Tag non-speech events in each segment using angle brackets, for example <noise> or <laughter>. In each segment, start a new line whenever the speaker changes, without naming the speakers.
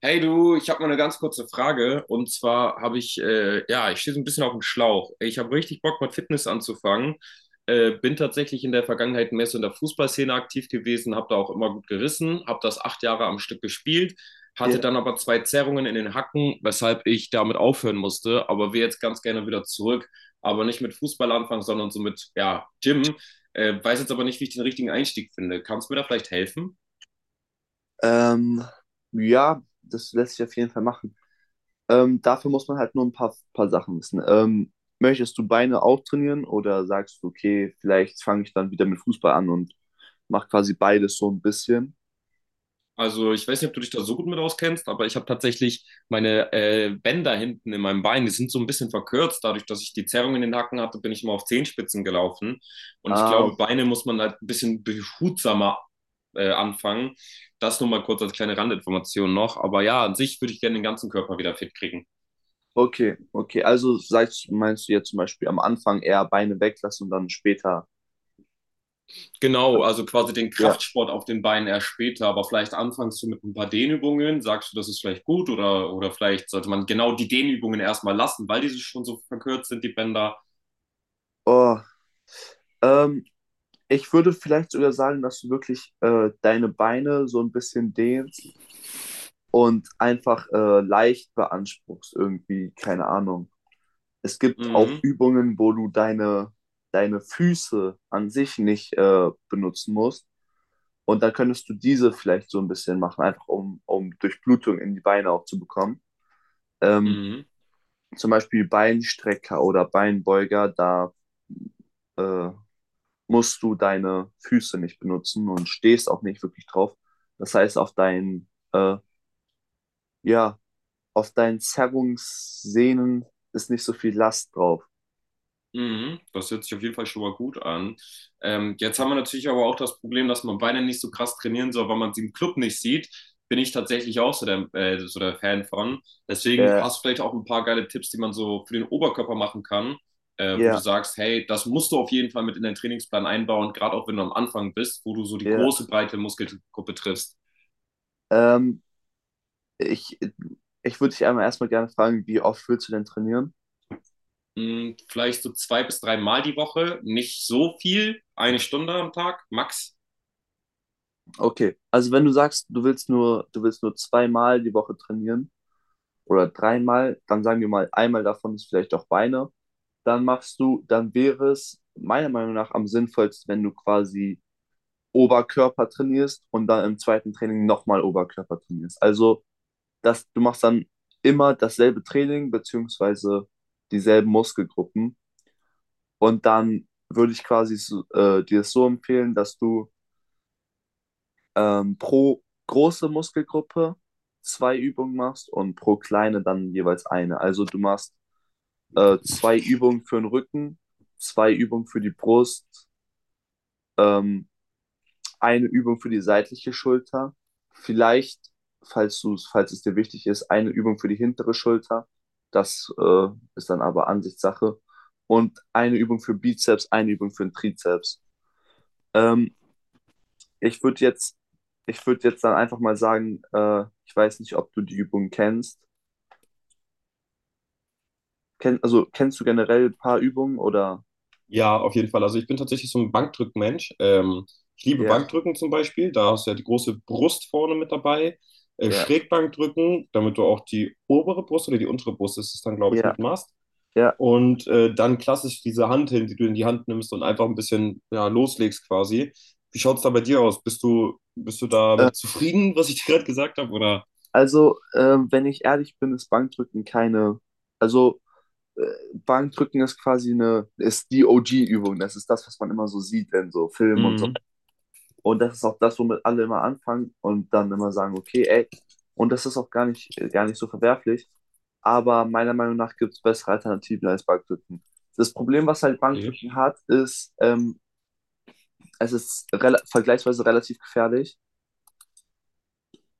Hey du, ich habe mal eine ganz kurze Frage. Und zwar habe ich, ja, ich stehe so ein bisschen auf dem Schlauch. Ich habe richtig Bock, mit Fitness anzufangen. Bin tatsächlich in der Vergangenheit mehr so in der Fußballszene aktiv gewesen, habe da auch immer gut gerissen, habe das 8 Jahre am Stück gespielt, hatte
Ja,
dann aber zwei Zerrungen in den Hacken, weshalb ich damit aufhören musste. Aber will jetzt ganz gerne wieder zurück, aber nicht mit Fußball anfangen, sondern so mit, ja, Gym. Weiß jetzt aber nicht, wie ich den richtigen Einstieg finde. Kannst du mir da vielleicht helfen?
ähm, ja, das lässt sich auf jeden Fall machen. Dafür muss man halt nur ein paar Sachen wissen. Möchtest du Beine auch trainieren oder sagst du, okay, vielleicht fange ich dann wieder mit Fußball an und mache quasi beides so ein bisschen?
Also ich weiß nicht, ob du dich da so gut mit auskennst, aber ich habe tatsächlich meine Bänder hinten in meinem Bein, die sind so ein bisschen verkürzt. Dadurch, dass ich die Zerrung in den Hacken hatte, bin ich immer auf Zehenspitzen gelaufen. Und ich
Ah,
glaube,
okay,
Beine muss man halt ein bisschen behutsamer anfangen. Das nur mal kurz als kleine Randinformation noch. Aber ja, an sich würde ich gerne den ganzen Körper wieder fit kriegen.
okay, okay. Also sagst, meinst du jetzt zum Beispiel am Anfang eher Beine weglassen und dann später?
Genau,
an-
also quasi den
Ja.
Kraftsport auf den Beinen erst später, aber vielleicht anfängst du mit ein paar Dehnübungen, sagst du, das ist vielleicht gut oder vielleicht sollte man genau die Dehnübungen erstmal lassen, weil diese schon so verkürzt sind, die Bänder.
Oh, ähm, ich würde vielleicht sogar sagen, dass du wirklich deine Beine so ein bisschen dehnst und einfach leicht beanspruchst irgendwie, keine Ahnung. Es gibt auch
Mhm.
Übungen, wo du deine Füße an sich nicht benutzen musst. Und dann könntest du diese vielleicht so ein bisschen machen, einfach um Durchblutung in die Beine auch zu bekommen. Ähm,
Mhm.
Zum Beispiel Beinstrecker oder Beinbeuger, da äh, musst du deine Füße nicht benutzen und stehst auch nicht wirklich drauf. Das heißt, ja, auf deinen Zerrungssehnen ist nicht so viel Last drauf.
Mhm, das hört sich auf jeden Fall schon mal gut an. Jetzt haben wir natürlich aber auch das Problem, dass man Beine nicht so krass trainieren soll, weil man sie im Club nicht sieht. Bin ich tatsächlich auch so der Fan von. Deswegen
Ja,
hast du vielleicht auch ein paar geile Tipps, die man so für den Oberkörper machen kann, wo du
ja,
sagst, hey, das musst du auf jeden Fall mit in deinen Trainingsplan einbauen, gerade auch wenn du am Anfang bist, wo du so die
ja.
große, breite Muskelgruppe triffst.
Ähm, ich ich würde dich einmal erstmal gerne fragen, wie oft willst du denn trainieren?
Mhm, vielleicht so zwei bis drei Mal die Woche, nicht so viel, eine Stunde am Tag, max.
Okay, also wenn du sagst, du willst nur zweimal die Woche trainieren oder dreimal, dann sagen wir mal, einmal davon ist vielleicht auch Beine, dann dann wäre es meiner Meinung nach am sinnvollsten, wenn du quasi Oberkörper trainierst und dann im zweiten Training nochmal Oberkörper trainierst. Also dass du machst dann immer dasselbe Training beziehungsweise dieselben Muskelgruppen und dann würde ich quasi so, dir das so empfehlen, dass du pro große Muskelgruppe zwei Übungen machst und pro kleine dann jeweils eine. Also du machst zwei Übungen für den Rücken, zwei Übungen für die Brust, ähm, eine Übung für die seitliche Schulter, vielleicht, falls es dir wichtig ist, eine Übung für die hintere Schulter. Das ist dann aber Ansichtssache. Und eine Übung für Bizeps, eine Übung für den Trizeps. Ähm, ich würde jetzt, ich würde jetzt dann einfach mal sagen, ich weiß nicht, ob du die Übung kennst. Also kennst du generell ein paar Übungen oder?
Ja, auf jeden Fall. Also ich bin tatsächlich so ein Bankdrückmensch. Ich liebe
Ja,
Bankdrücken zum Beispiel. Da hast du ja die große Brust vorne mit dabei. Äh,
ja,
Schrägbankdrücken, damit du auch die obere Brust oder die untere Brust ist es dann, glaube ich,
ja,
mit machst.
ja.
Und dann klassisch diese Hanteln, die du in die Hand nimmst und einfach ein bisschen ja, loslegst quasi. Wie schaut es da bei dir aus? Bist du
Äh,
damit zufrieden, was ich <laughs> dir gerade gesagt habe? Oder?
also, wenn ich ehrlich bin, ist Bankdrücken keine, also äh, Bankdrücken ist quasi ist die OG-Übung. Das ist das, was man immer so sieht in so Filmen und so.
Mhm.
Und das ist auch das, womit alle immer anfangen und dann immer sagen, okay, ey, und das ist auch gar nicht so verwerflich. Aber meiner Meinung nach gibt es bessere Alternativen als Bankdrücken. Das Problem, was halt
Okay.
Bankdrücken hat, ist, es ist rela vergleichsweise relativ gefährlich.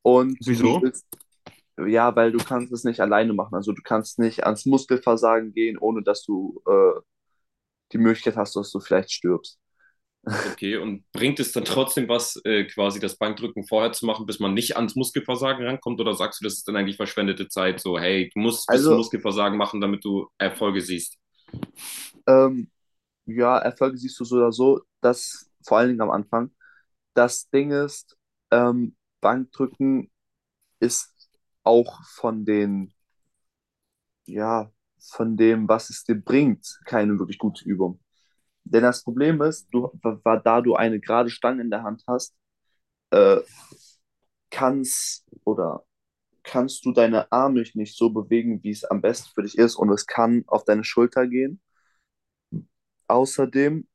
Und du
Wieso?
bist, ja, weil du kannst es nicht alleine machen. Also du kannst nicht ans Muskelversagen gehen, ohne dass du die Möglichkeit hast, dass du vielleicht stirbst.
Okay, und bringt es dann trotzdem was, quasi das Bankdrücken vorher zu machen, bis man nicht ans Muskelversagen rankommt? Oder sagst du, das ist dann eigentlich verschwendete Zeit? So, hey, du musst es bis zum
Also,
Muskelversagen machen, damit du Erfolge siehst.
ähm, ja, Erfolge siehst du so oder so, dass vor allen Dingen am Anfang. Das Ding ist, ähm, Bankdrücken ist auch ja, von dem, was es dir bringt, keine wirklich gute Übung. Denn das Problem ist,
Mhm.
da du eine gerade Stange in der Hand hast, äh, kannst oder kannst du deine Arme nicht so bewegen, wie es am besten für dich ist und es kann auf deine Schulter gehen. Außerdem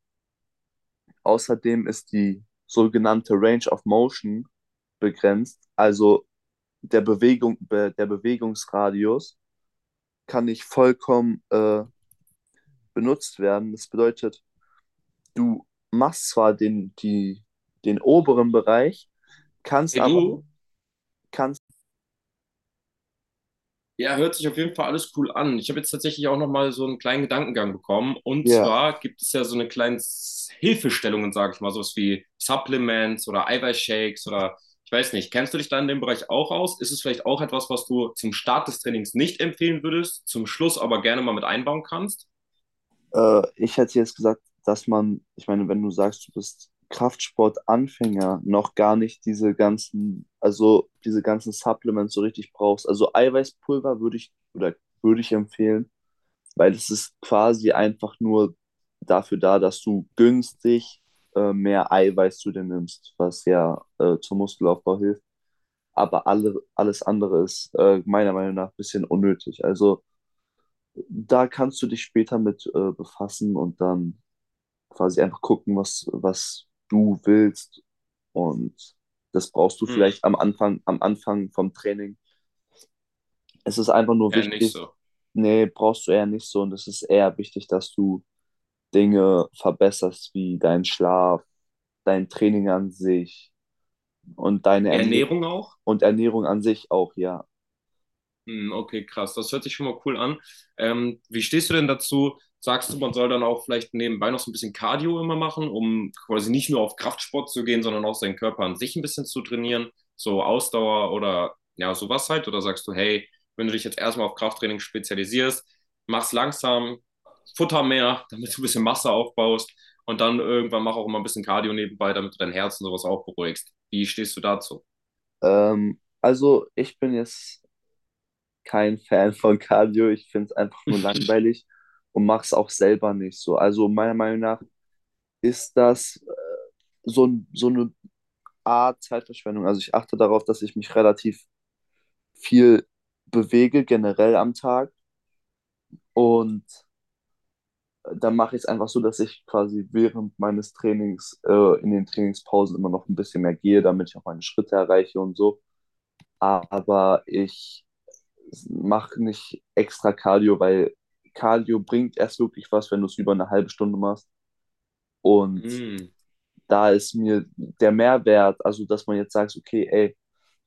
Außerdem ist die sogenannte Range of Motion begrenzt, also der Bewegungsradius kann nicht vollkommen benutzt werden. Das bedeutet, du machst zwar den oberen Bereich, kannst
Hey,
aber
du.
kannst
Ja, hört sich auf jeden Fall alles cool an. Ich habe jetzt tatsächlich auch nochmal so einen kleinen Gedankengang bekommen. Und
dir
zwar gibt es ja so eine kleine Hilfestellungen, sage ich mal, sowas wie Supplements oder Eiweißshakes oder ich weiß nicht. Kennst du dich da in dem Bereich auch aus? Ist es vielleicht auch etwas, was du zum Start des Trainings nicht empfehlen würdest, zum Schluss aber gerne mal mit einbauen kannst?
Ich hätte jetzt gesagt, dass man, ich meine, wenn du sagst, du bist Kraftsportanfänger, noch gar nicht diese ganzen, also diese ganzen Supplements so richtig brauchst. Also Eiweißpulver würde ich empfehlen, weil es ist quasi einfach nur dafür da, dass du günstig mehr Eiweiß zu dir nimmst, was ja zum Muskelaufbau hilft. Alles andere ist meiner Meinung nach ein bisschen unnötig. Also da kannst du dich später mit befassen und dann quasi einfach gucken, was du willst. Und das brauchst du
Hm.
vielleicht am Anfang vom Training. Es ist einfach nur
Eher nicht
wichtig,
so.
nee, brauchst du eher nicht so. Und es ist eher wichtig, dass du Dinge verbesserst, wie deinen Schlaf, dein Training an sich und deine Ernähr
Ernährung auch?
und Ernährung an sich auch, ja.
Hm. Okay, krass. Das hört sich schon mal cool an. Wie stehst du denn dazu? Sagst du, man soll dann auch vielleicht nebenbei noch so ein bisschen Cardio immer machen, um quasi nicht nur auf Kraftsport zu gehen, sondern auch seinen Körper an sich ein bisschen zu trainieren, so Ausdauer oder ja, sowas halt? Oder sagst du, hey, wenn du dich jetzt erstmal auf Krafttraining spezialisierst, mach's langsam, futter mehr, <laughs> damit du ein bisschen Masse aufbaust und dann irgendwann mach auch immer ein bisschen Cardio nebenbei, damit du dein Herz und sowas auch beruhigst. Wie stehst du dazu?
Also ich bin jetzt kein <laughs> Fan von Cardio. Ich finde es einfach nur
<laughs>
langweilig und mache es auch selber nicht so. Also meiner Meinung nach ist das so, so eine Art Zeitverschwendung. Also ich achte darauf, dass ich mich relativ viel bewege, generell am Tag. Und dann mache ich es einfach so, dass ich quasi während meines Trainings in den Trainingspausen immer noch ein bisschen mehr gehe, damit ich auch meine Schritte erreiche und so. Aber ich mache nicht extra Cardio, weil Cardio bringt erst wirklich was, wenn du es über eine halbe Stunde machst. Und
Mm,
da ist mir der Mehrwert, also dass man jetzt sagt, okay, ey,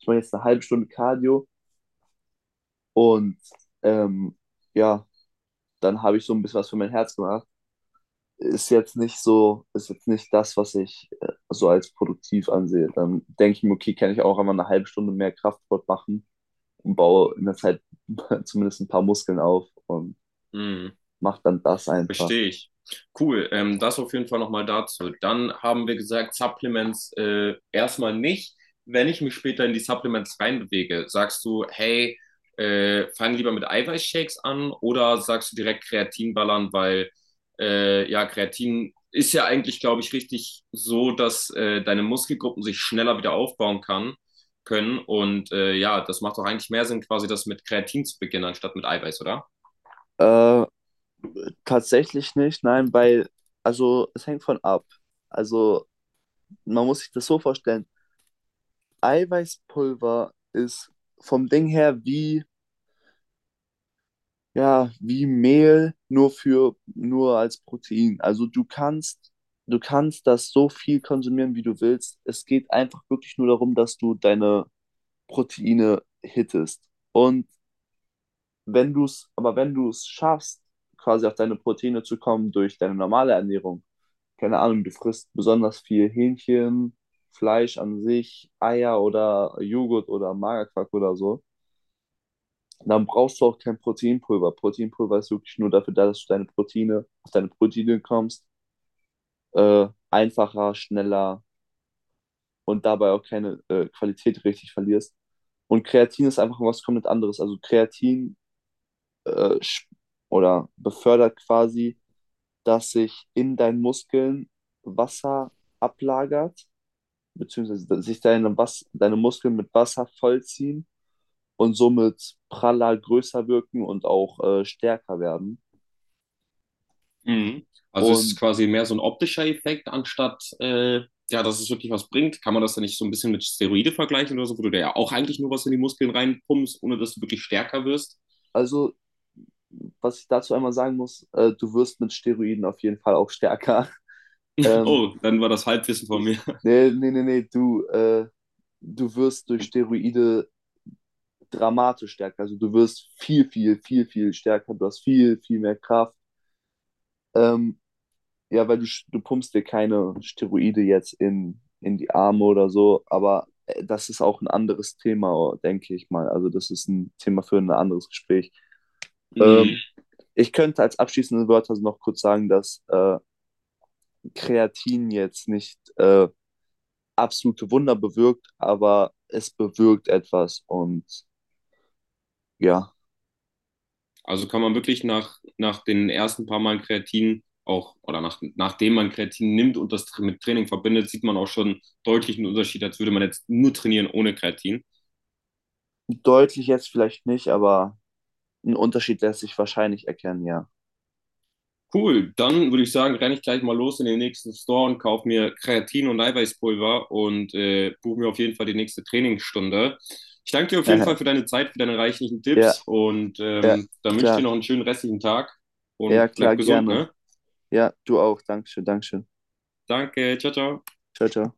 ich mache jetzt eine halbe Stunde Cardio und ähm, ja, dann habe ich so ein bisschen was für mein Herz gemacht. Ist jetzt nicht das, was ich so als produktiv ansehe. Dann denke ich mir, okay, kann ich auch einmal eine halbe Stunde mehr Kraftsport machen und baue in der Zeit <laughs> zumindest ein paar Muskeln auf und
mm.
mache dann das einfach.
Verstehe ich. Cool, das auf jeden Fall nochmal dazu. Dann haben wir gesagt, Supplements erstmal nicht. Wenn ich mich später in die Supplements reinbewege, sagst du, hey, fang lieber mit Eiweißshakes an oder sagst du direkt Kreatin ballern, weil ja, Kreatin ist ja eigentlich, glaube ich, richtig so, dass deine Muskelgruppen sich schneller wieder aufbauen kann, können. Und ja, das macht doch eigentlich mehr Sinn, quasi das mit Kreatin zu beginnen, anstatt mit Eiweiß, oder?
Äh, tatsächlich nicht, nein, also es hängt von ab. Also man muss sich das so vorstellen, Eiweißpulver ist vom Ding her wie, ja, wie Mehl, nur als Protein. Du kannst das so viel konsumieren, wie du willst. Es geht einfach wirklich nur darum, dass du deine Proteine hittest. Und wenn du es schaffst, quasi auf deine Proteine zu kommen durch deine normale Ernährung, keine Ahnung, du frisst besonders viel Hähnchen, Fleisch an sich, Eier oder Joghurt oder Magerquark oder so. Dann brauchst du auch kein Proteinpulver. Proteinpulver ist wirklich nur dafür da, dass auf deine Proteine kommst, einfacher, schneller und dabei auch keine Qualität richtig verlierst. Und Kreatin ist einfach was komplett anderes. Also Kreatin äh, sch- oder befördert quasi, dass sich in deinen Muskeln Wasser ablagert, beziehungsweise dass sich deine, Was deine Muskeln mit Wasser vollziehen und somit praller, größer wirken und auch stärker werden.
Mhm. Also ist es
Und
quasi mehr so ein optischer Effekt, anstatt ja, dass es wirklich was bringt. Kann man das dann nicht so ein bisschen mit Steroide vergleichen oder so, wo du dir ja auch eigentlich nur was in die Muskeln reinpumpst, ohne dass du wirklich stärker wirst?
Also, was ich dazu einmal sagen muss, du wirst mit Steroiden auf jeden Fall auch stärker. <laughs> Ähm,
Oh, dann war das Halbwissen von mir. <laughs>
nee, nee, nee, nee, du, äh, du wirst durch Steroide dramatisch stärker. Also, du wirst viel, viel, viel, viel stärker. Du hast viel, viel mehr Kraft. Ähm, ja, du pumpst dir keine Steroide jetzt in die Arme oder so, aber das ist auch ein anderes Thema, denke ich mal. Also, das ist ein Thema für ein anderes Gespräch. Ähm,
Mhm.
ich könnte als abschließende Wörter noch kurz sagen, dass. Kreatin jetzt nicht absolute Wunder bewirkt, aber es bewirkt etwas und ja,
Also kann man wirklich nach den ersten paar Mal Kreatin auch, oder nachdem man Kreatin nimmt und das mit Training verbindet, sieht man auch schon deutlichen Unterschied, als würde man jetzt nur trainieren ohne Kreatin.
deutlich jetzt vielleicht nicht, aber ein Unterschied lässt sich wahrscheinlich erkennen, ja.
Cool, dann würde ich sagen, renne ich gleich mal los in den nächsten Store und kaufe mir Kreatin und Eiweißpulver und buche mir auf jeden Fall die nächste Trainingsstunde. Ich danke dir auf jeden Fall für
<laughs>
deine Zeit, für deine reichlichen
ja,
Tipps und
ja,
dann wünsche ich dir
klar.
noch einen schönen restlichen Tag
Ja,
und bleib
klar,
gesund,
gerne.
ne?
Ja, du auch. Dankeschön, Dankeschön.
Danke, ciao, ciao.
Ciao, ciao.